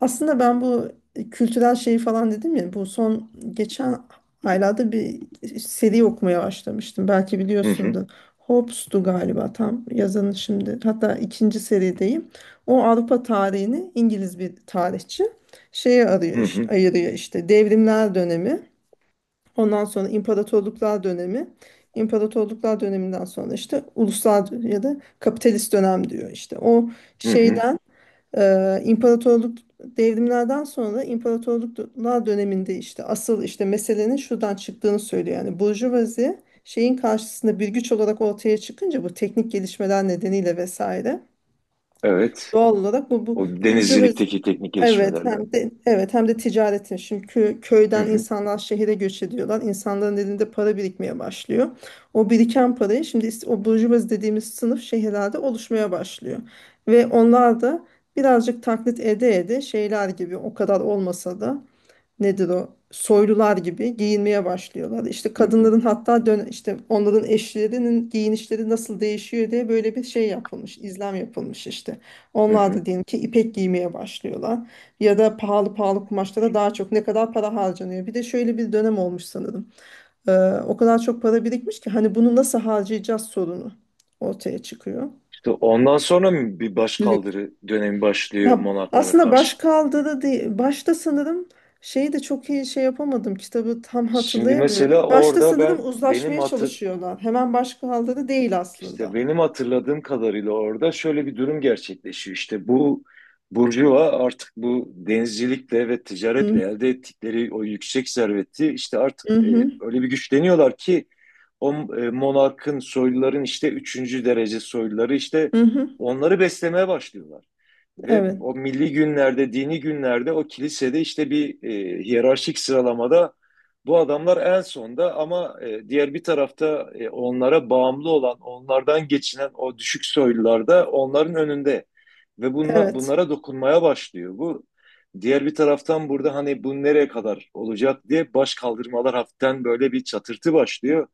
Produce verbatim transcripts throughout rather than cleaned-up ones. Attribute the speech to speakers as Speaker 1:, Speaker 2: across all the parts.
Speaker 1: Aslında ben bu kültürel şeyi falan dedim ya, bu son geçen aylarda bir seri okumaya başlamıştım. Belki
Speaker 2: Hı hı,
Speaker 1: biliyorsundur. Hobbes'tu galiba tam yazanı şimdi. Hatta ikinci serideyim. O Avrupa tarihini İngiliz bir tarihçi şeye arıyor,
Speaker 2: hı
Speaker 1: iş-
Speaker 2: hı,
Speaker 1: ayırıyor işte: devrimler dönemi, ondan sonra imparatorluklar dönemi, imparatorluklar döneminden sonra işte uluslar ya da kapitalist dönem diyor işte. O
Speaker 2: hı hı.
Speaker 1: şeyden ee, imparatorluk devrimlerden sonra imparatorluklar döneminde işte asıl işte meselenin şuradan çıktığını söylüyor. Yani burjuvazi şeyin karşısında bir güç olarak ortaya çıkınca, bu teknik gelişmeler nedeniyle vesaire.
Speaker 2: Evet.
Speaker 1: Doğal olarak bu bu
Speaker 2: O
Speaker 1: burcu ve
Speaker 2: denizcilikteki teknik
Speaker 1: evet,
Speaker 2: gelişmelerle.
Speaker 1: hem de evet, hem de ticaretin şimdi kö-
Speaker 2: Hı
Speaker 1: köyden
Speaker 2: hı,
Speaker 1: insanlar şehire göç ediyorlar. İnsanların elinde para birikmeye başlıyor. O biriken parayı şimdi is- o burjuvazi dediğimiz sınıf şehirlerde oluşmaya başlıyor. Ve onlar da birazcık taklit ede ede, şeyler gibi o kadar olmasa da, nedir, o soylular gibi giyinmeye başlıyorlar. İşte
Speaker 2: hı hı,
Speaker 1: kadınların, hatta dön işte onların eşlerinin giyinişleri nasıl değişiyor diye böyle bir şey yapılmış, izlem yapılmış işte.
Speaker 2: hı
Speaker 1: Onlar
Speaker 2: hı.
Speaker 1: da diyelim ki ipek giymeye başlıyorlar ya da pahalı pahalı kumaşlara daha çok ne kadar para harcanıyor. Bir de şöyle bir dönem olmuş sanırım. Ee, O kadar çok para birikmiş ki hani bunu nasıl harcayacağız sorunu ortaya çıkıyor.
Speaker 2: İşte ondan sonra mı bir başkaldırı dönemi başlıyor
Speaker 1: Ya
Speaker 2: Monaklara
Speaker 1: aslında baş
Speaker 2: karşı?
Speaker 1: kaldı da değil. Başta sanırım şeyi de çok iyi şey yapamadım. Kitabı tam
Speaker 2: Şimdi mesela
Speaker 1: hatırlayamıyorum. Başta
Speaker 2: orada
Speaker 1: sanırım
Speaker 2: ben benim
Speaker 1: uzlaşmaya
Speaker 2: hatır,
Speaker 1: çalışıyorlar. Hemen başkaldı da değil aslında.
Speaker 2: İşte benim hatırladığım kadarıyla orada şöyle bir durum gerçekleşiyor. İşte bu burjuva artık bu denizcilikle ve
Speaker 1: Hı
Speaker 2: ticaretle elde ettikleri o yüksek serveti işte
Speaker 1: hı
Speaker 2: artık e,
Speaker 1: hı.
Speaker 2: öyle bir güçleniyorlar ki o e, monarkın soyluların işte üçüncü derece soyluları işte
Speaker 1: Hı.
Speaker 2: onları beslemeye başlıyorlar. Ve
Speaker 1: Evet.
Speaker 2: o milli günlerde, dini günlerde o kilisede işte bir e, hiyerarşik sıralamada bu adamlar en sonda ama e, diğer bir tarafta e, onlara bağımlı olan, onlardan geçinen o düşük soylular da onların önünde ve bunla,
Speaker 1: Evet.
Speaker 2: bunlara dokunmaya başlıyor. Bu diğer bir taraftan burada hani bu nereye kadar olacak diye baş kaldırmalar hafiften böyle bir çatırtı başlıyor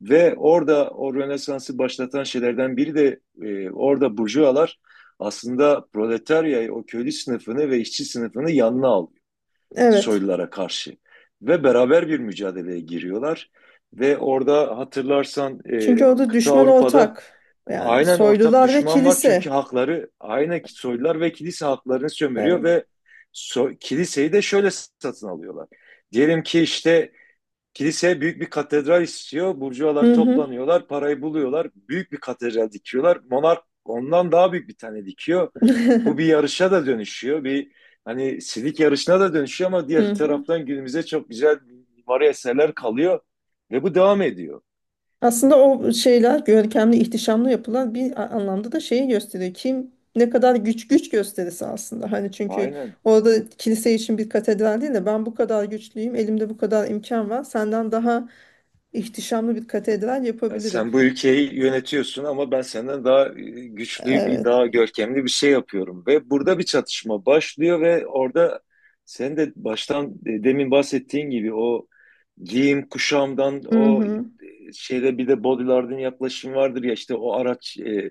Speaker 2: ve orada o Rönesans'ı başlatan şeylerden biri de e, orada burjuvalar aslında proletaryayı, o köylü sınıfını ve işçi sınıfını yanına alıyor
Speaker 1: Evet.
Speaker 2: soylulara karşı ve beraber bir mücadeleye giriyorlar. Ve orada hatırlarsan e,
Speaker 1: Çünkü orada
Speaker 2: kıta
Speaker 1: düşman
Speaker 2: Avrupa'da
Speaker 1: ortak. Yani
Speaker 2: aynen ortak
Speaker 1: soylular ve
Speaker 2: düşman var çünkü
Speaker 1: kilise.
Speaker 2: hakları aynen soylular ve kilise haklarını sömürüyor
Speaker 1: Evet.
Speaker 2: ve so- kiliseyi de şöyle satın alıyorlar. Diyelim ki işte kilise büyük bir katedral istiyor. Burjuvalar
Speaker 1: Hı hı.
Speaker 2: toplanıyorlar, parayı buluyorlar. Büyük bir katedral dikiyorlar. Monark ondan daha büyük bir tane dikiyor. Bu bir yarışa da dönüşüyor. Bir hani silik yarışına da dönüşüyor ama diğer
Speaker 1: Hı hı.
Speaker 2: taraftan günümüze çok güzel mimari eserler kalıyor ve bu devam ediyor.
Speaker 1: Aslında o şeyler görkemli, ihtişamlı yapılan bir a- anlamda da şeyi gösteriyor. Kim ne kadar güç, güç gösterisi aslında. Hani çünkü
Speaker 2: Aynen.
Speaker 1: orada kilise için bir katedral değil de, ben bu kadar güçlüyüm, elimde bu kadar imkan var. Senden daha ihtişamlı bir katedral
Speaker 2: Yani
Speaker 1: yapabilirim.
Speaker 2: sen bu ülkeyi yönetiyorsun ama ben senden daha e, güçlü bir,
Speaker 1: Evet.
Speaker 2: daha görkemli bir şey yapıyorum. Ve burada bir çatışma başlıyor ve orada sen de baştan e, demin bahsettiğin gibi o giyim kuşamdan
Speaker 1: Hı
Speaker 2: o
Speaker 1: hı.
Speaker 2: e, şeyde bir de bodylardın yaklaşım vardır ya işte o araç e,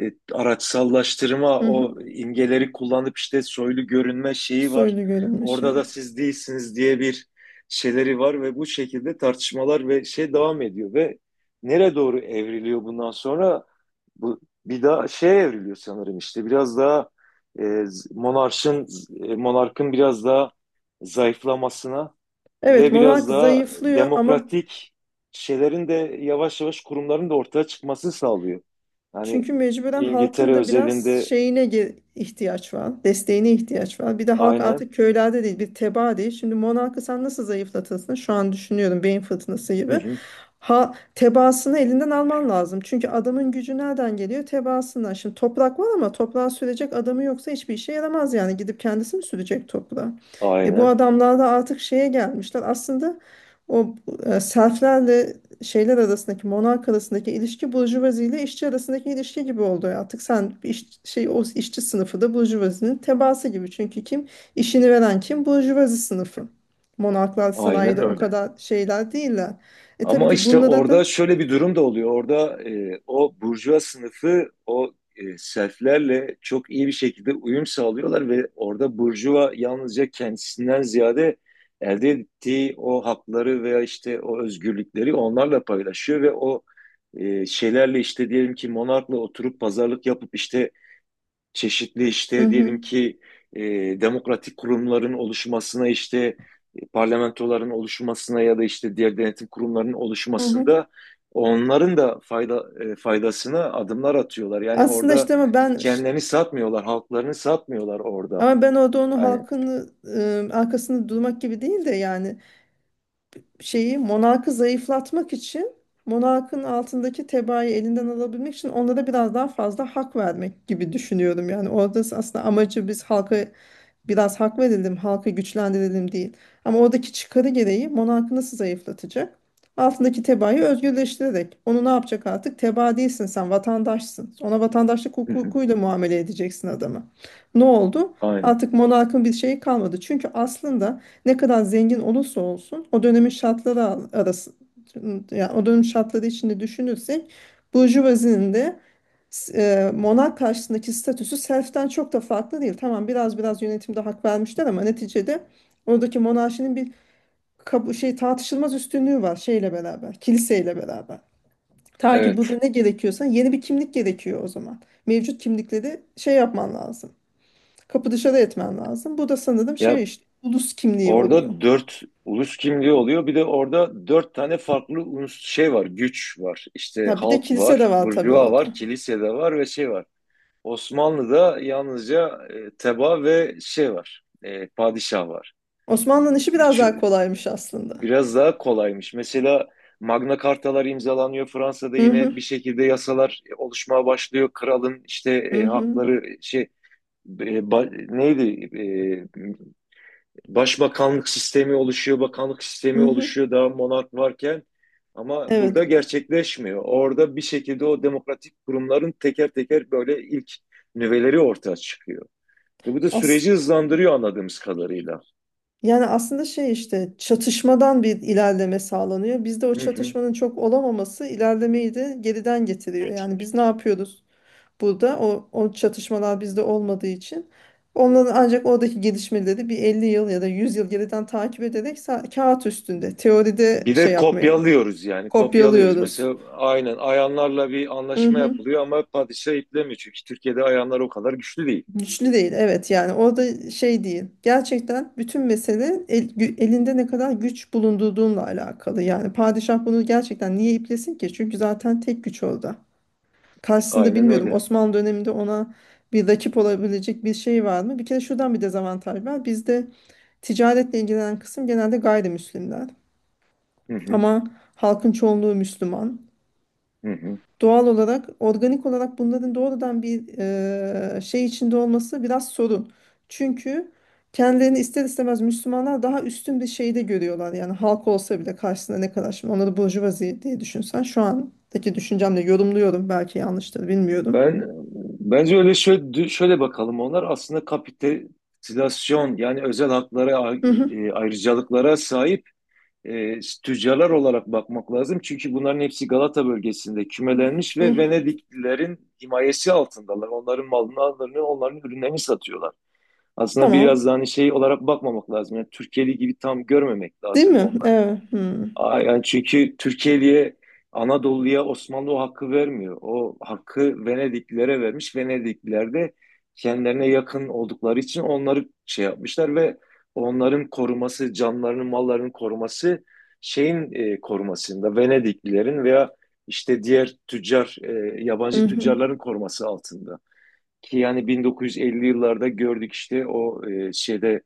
Speaker 2: e, araçsallaştırma
Speaker 1: Hı hı.
Speaker 2: o imgeleri kullanıp işte soylu görünme şeyi var.
Speaker 1: Soylu görünme
Speaker 2: Orada
Speaker 1: şeyi.
Speaker 2: da siz değilsiniz diye bir şeyleri var ve bu şekilde tartışmalar ve şey devam ediyor ve nereye doğru evriliyor bundan sonra? Bu bir daha şey evriliyor sanırım işte biraz daha e, monarşın e, monarkın biraz daha zayıflamasına
Speaker 1: Evet,
Speaker 2: ve biraz
Speaker 1: monark
Speaker 2: daha
Speaker 1: zayıflıyor ama
Speaker 2: demokratik şeylerin de yavaş yavaş kurumların da ortaya çıkması sağlıyor. Yani
Speaker 1: çünkü mecburen halkın
Speaker 2: İngiltere
Speaker 1: da biraz
Speaker 2: özelinde
Speaker 1: şeyine ge- ihtiyaç var, desteğine ihtiyaç var. Bir de halk
Speaker 2: aynen.
Speaker 1: artık köylerde değil, bir tebaa değil. Şimdi monarkı sen nasıl zayıflatırsın? Şu an düşünüyorum, beyin fırtınası
Speaker 2: Hı
Speaker 1: gibi.
Speaker 2: hı.
Speaker 1: Ha, tebaasını elinden alman lazım. Çünkü adamın gücü nereden geliyor? Tebaasından. Şimdi toprak var ama toprağa sürecek adamı yoksa hiçbir işe yaramaz yani. Gidip kendisi mi sürecek toprağa? E bu
Speaker 2: Aynen.
Speaker 1: adamlar da artık şeye gelmişler. Aslında o e, serflerle şeyler arasındaki, monark arasındaki ilişki, burjuvazi ile işçi arasındaki ilişki gibi oldu. Artık sen iş, şey, o işçi sınıfı da burjuvazinin tebaası gibi. Çünkü kim işini veren? Kim? Burjuvazi sınıfı. Monarklar
Speaker 2: Aynen
Speaker 1: sanayide o
Speaker 2: öyle.
Speaker 1: kadar şeyler değiller. E tabii
Speaker 2: Ama
Speaker 1: ki
Speaker 2: işte
Speaker 1: bunlara
Speaker 2: orada
Speaker 1: da
Speaker 2: şöyle bir durum da oluyor. Orada e, o burjuva sınıfı o e, selflerle çok iyi bir şekilde uyum sağlıyorlar ve orada burjuva yalnızca kendisinden ziyade elde ettiği o hakları veya işte o özgürlükleri onlarla paylaşıyor ve o e, şeylerle işte diyelim ki monarkla oturup pazarlık yapıp işte çeşitli
Speaker 1: hı
Speaker 2: işte
Speaker 1: hı,
Speaker 2: diyelim ki e, demokratik kurumların oluşmasına işte e, parlamentoların oluşmasına ya da işte diğer denetim kurumlarının
Speaker 1: hı hı.
Speaker 2: oluşmasında onların da fayda e, faydasına adımlar atıyorlar. Yani
Speaker 1: Aslında
Speaker 2: orada
Speaker 1: işte ama ben
Speaker 2: kendilerini satmıyorlar, halklarını satmıyorlar orada.
Speaker 1: ama ben orada onu
Speaker 2: Yani,
Speaker 1: halkın e, arkasında durmak gibi değil de, yani şeyi, monarkı zayıflatmak için monarkın altındaki tebaayı elinden alabilmek için onlara biraz daha fazla hak vermek gibi düşünüyorum. Yani orada aslında amacı biz halka biraz hak verelim, halkı güçlendirelim değil. Ama oradaki çıkarı gereği monarkı nasıl zayıflatacak? Altındaki tebaayı özgürleştirerek. Onu ne yapacak artık? Tebaa değilsin sen, vatandaşsın. Ona vatandaşlık
Speaker 2: hı hı,
Speaker 1: hukukuyla muamele edeceksin adamı. Ne oldu?
Speaker 2: aynen.
Speaker 1: Artık monarkın bir şeyi kalmadı. Çünkü aslında ne kadar zengin olursa olsun o dönemin şartları arası, yani o dönemin şartları içinde düşünürsek, burjuvazinin de s- e, monark karşısındaki statüsü self'ten çok da farklı değil. Tamam, biraz biraz yönetimde hak vermişler ama neticede oradaki monarşinin bir kabu- şey, tartışılmaz üstünlüğü var, şeyle beraber, kiliseyle beraber. Ta ki
Speaker 2: Evet.
Speaker 1: burada ne gerekiyorsa, yeni bir kimlik gerekiyor o zaman. Mevcut kimlikleri şey yapman lazım. Kapı dışarı etmen lazım. Bu da sanırım şey
Speaker 2: Ya
Speaker 1: işte, ulus kimliği oluyor.
Speaker 2: orada dört ulus kimliği oluyor. Bir de orada dört tane farklı ulus şey var, güç var. İşte
Speaker 1: Ha bir de
Speaker 2: halk
Speaker 1: kilise de
Speaker 2: var,
Speaker 1: var tabii
Speaker 2: burjuva var,
Speaker 1: orada.
Speaker 2: kilise de var ve şey var. Osmanlı'da yalnızca e, teba ve şey var. E, padişah var.
Speaker 1: Osmanlı'nın işi biraz daha
Speaker 2: Üçü
Speaker 1: kolaymış aslında.
Speaker 2: biraz daha kolaymış. Mesela Magna Cartalar imzalanıyor. Fransa'da
Speaker 1: Hı hı.
Speaker 2: yine bir şekilde yasalar e, oluşmaya başlıyor. Kralın işte
Speaker 1: Hı
Speaker 2: e,
Speaker 1: hı.
Speaker 2: hakları şey e, ba- neydi? E, başbakanlık sistemi oluşuyor, bakanlık
Speaker 1: Hı
Speaker 2: sistemi
Speaker 1: hı.
Speaker 2: oluşuyor daha monark varken ama
Speaker 1: Evet.
Speaker 2: burada gerçekleşmiyor. Orada bir şekilde o demokratik kurumların teker teker böyle ilk nüveleri ortaya çıkıyor. Ve bu da
Speaker 1: As-
Speaker 2: süreci hızlandırıyor anladığımız kadarıyla.
Speaker 1: Yani aslında şey işte, çatışmadan bir ilerleme sağlanıyor. Bizde o
Speaker 2: Hı hı.
Speaker 1: çatışmanın çok olamaması ilerlemeyi de geriden getiriyor. Yani biz ne yapıyoruz burada? O, o çatışmalar bizde olmadığı için onların ancak oradaki gelişmeleri bir elli yıl ya da yüz yıl geriden takip ederek sa- kağıt üstünde teoride
Speaker 2: Bir
Speaker 1: şey
Speaker 2: de
Speaker 1: yapmaya
Speaker 2: kopyalıyoruz yani kopyalıyoruz.
Speaker 1: kopyalıyoruz.
Speaker 2: Mesela aynen ayanlarla bir
Speaker 1: Hı
Speaker 2: anlaşma
Speaker 1: hı.
Speaker 2: yapılıyor ama padişah iplemiyor. Çünkü Türkiye'de ayanlar o kadar güçlü değil.
Speaker 1: Güçlü değil, evet. Yani orada şey değil, gerçekten bütün mesele el- gü- elinde ne kadar güç bulundurduğunla alakalı. Yani padişah bunu gerçekten niye iplesin ki, çünkü zaten tek güç orada, karşısında
Speaker 2: Aynen
Speaker 1: bilmiyorum
Speaker 2: öyle.
Speaker 1: Osmanlı döneminde ona bir rakip olabilecek bir şey var mı. Bir kere şuradan bir dezavantaj var bizde: ticaretle ilgilenen kısım genelde gayrimüslimler
Speaker 2: Hı hı,
Speaker 1: ama halkın çoğunluğu Müslüman.
Speaker 2: hı hı.
Speaker 1: Doğal olarak, organik olarak bunların doğrudan bir e, şey içinde olması biraz sorun. Çünkü kendilerini ister istemez Müslümanlar daha üstün bir şeyde görüyorlar. Yani halk olsa bile karşısında ne kadar, şimdi onları burjuvazi diye düşünsen, şu andaki düşüncemle yorumluyorum. Belki yanlıştır, bilmiyorum.
Speaker 2: Ben bence öyle şöyle, şöyle bakalım onlar aslında kapitülasyon yani özel haklara ay-
Speaker 1: Hı hı,
Speaker 2: e, ayrıcalıklara sahip e, tüccarlar olarak bakmak lazım. Çünkü bunların hepsi Galata bölgesinde kümelenmiş
Speaker 1: hı
Speaker 2: ve
Speaker 1: hı.
Speaker 2: Venediklilerin himayesi altındalar. Onların mallarını, onların ürünlerini satıyorlar. Aslında biraz
Speaker 1: Tamam.
Speaker 2: daha hani şey olarak bakmamak lazım. Yani Türkiye'li gibi tam görmemek
Speaker 1: Değil
Speaker 2: lazım
Speaker 1: mi?
Speaker 2: onları.
Speaker 1: Evet. Hı
Speaker 2: Aa, yani çünkü Türkiye'liye Anadolu'ya Osmanlı o hakkı vermiyor. O hakkı Venediklilere vermiş. Venedikliler de kendilerine yakın oldukları için onları şey yapmışlar ve onların koruması, canlarının, mallarının koruması şeyin e, korumasında Venediklilerin veya işte diğer tüccar, e,
Speaker 1: hı.
Speaker 2: yabancı
Speaker 1: Hı.
Speaker 2: tüccarların koruması altında. Ki yani bin dokuz yüz elli yıllarda gördük işte o e, şeyde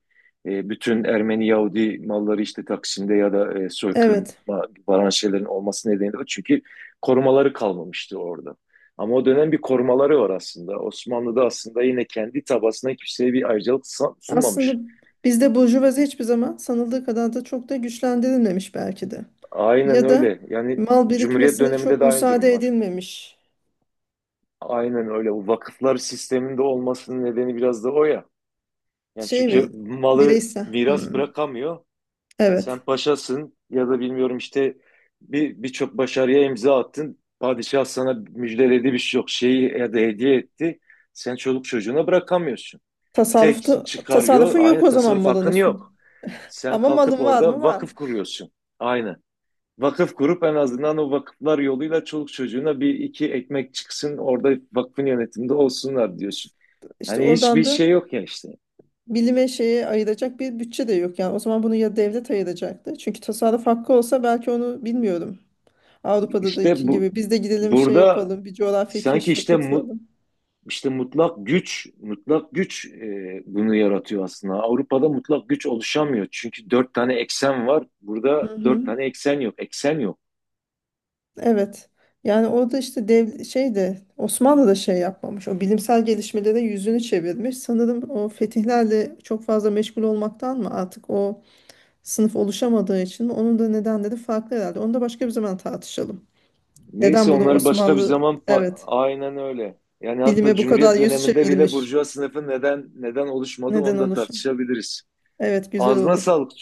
Speaker 2: e, bütün Ermeni Yahudi malları işte Taksim'de ya da e,
Speaker 1: Evet.
Speaker 2: soykırıma varan şeylerin olması nedeni de o. Çünkü korumaları kalmamıştı orada. Ama o dönem bir korumaları var aslında. Osmanlı'da aslında yine kendi tabasına kimseye bir ayrıcalık sa-
Speaker 1: Aslında
Speaker 2: sunmamış.
Speaker 1: bizde burjuvazi hiçbir zaman sanıldığı kadar da çok da güçlendirilmemiş belki de.
Speaker 2: Aynen
Speaker 1: Ya da
Speaker 2: öyle. Yani
Speaker 1: mal
Speaker 2: Cumhuriyet
Speaker 1: birikmesine
Speaker 2: döneminde
Speaker 1: çok
Speaker 2: de aynı durum
Speaker 1: müsaade
Speaker 2: var.
Speaker 1: edilmemiş.
Speaker 2: Aynen öyle. Bu vakıflar sisteminde olmasının nedeni biraz da o ya. Yani
Speaker 1: Şey
Speaker 2: çünkü
Speaker 1: mi,
Speaker 2: malı
Speaker 1: bireysel?
Speaker 2: miras
Speaker 1: Hmm.
Speaker 2: bırakamıyor. Sen
Speaker 1: Evet.
Speaker 2: paşasın ya da bilmiyorum işte bir birçok başarıya imza attın. Padişah sana müjdeledi bir şey yok şeyi ya da hediye etti. Sen çoluk çocuğuna bırakamıyorsun. Tek
Speaker 1: Tasarrufta,
Speaker 2: çıkarıyor
Speaker 1: tasarrufun yok
Speaker 2: aynı
Speaker 1: o zaman
Speaker 2: tasarruf
Speaker 1: malın
Speaker 2: hakkın
Speaker 1: üstünde.
Speaker 2: yok. Sen
Speaker 1: Ama
Speaker 2: kalkıp
Speaker 1: malın var mı?
Speaker 2: orada
Speaker 1: Var.
Speaker 2: vakıf kuruyorsun. Aynı. Vakıf kurup en azından o vakıflar yoluyla çoluk çocuğuna bir iki ekmek çıksın orada vakfın yönetiminde olsunlar diyorsun.
Speaker 1: İşte
Speaker 2: Yani hiçbir
Speaker 1: oradan da
Speaker 2: şey yok ya işte.
Speaker 1: bilime, şeye ayıracak bir bütçe de yok. Yani o zaman bunu ya devlet ayıracaktı. Çünkü tasarruf hakkı olsa belki, onu bilmiyorum.
Speaker 2: İşte
Speaker 1: Avrupa'daki
Speaker 2: bu
Speaker 1: gibi biz de gidelim şey
Speaker 2: burada
Speaker 1: yapalım, bir coğrafya
Speaker 2: sanki
Speaker 1: keşfe
Speaker 2: işte mu-
Speaker 1: katılalım.
Speaker 2: İşte mutlak güç, mutlak güç e, bunu yaratıyor aslında. Avrupa'da mutlak güç oluşamıyor. Çünkü dört tane eksen var.
Speaker 1: Hı
Speaker 2: Burada dört
Speaker 1: hı.
Speaker 2: tane eksen yok. Eksen yok.
Speaker 1: Evet. Yani orada işte dev şey de, Osmanlı da şey yapmamış. O bilimsel gelişmelere yüzünü çevirmiş. Sanırım o fetihlerle çok fazla meşgul olmaktan mı, artık o sınıf oluşamadığı için mi? Onun da nedenleri farklı herhalde. Onu da başka bir zaman tartışalım.
Speaker 2: Neyse
Speaker 1: Neden bunu
Speaker 2: onları başka bir
Speaker 1: Osmanlı,
Speaker 2: zaman pa-
Speaker 1: evet,
Speaker 2: aynen öyle. Yani hatta
Speaker 1: bilime bu kadar
Speaker 2: Cumhuriyet
Speaker 1: yüz
Speaker 2: döneminde bile
Speaker 1: çevirmiş?
Speaker 2: burjuva sınıfı neden neden oluşmadı
Speaker 1: Neden
Speaker 2: onu da
Speaker 1: oluşum?
Speaker 2: tartışabiliriz.
Speaker 1: Evet, güzel
Speaker 2: Ağzına
Speaker 1: oldu.
Speaker 2: sağlık.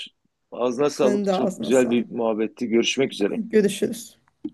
Speaker 2: Ağzına sağlık.
Speaker 1: Senin de
Speaker 2: Çok
Speaker 1: ağzına
Speaker 2: güzel
Speaker 1: sağlık.
Speaker 2: bir muhabbetti. Görüşmek üzere.
Speaker 1: Görüşürüz.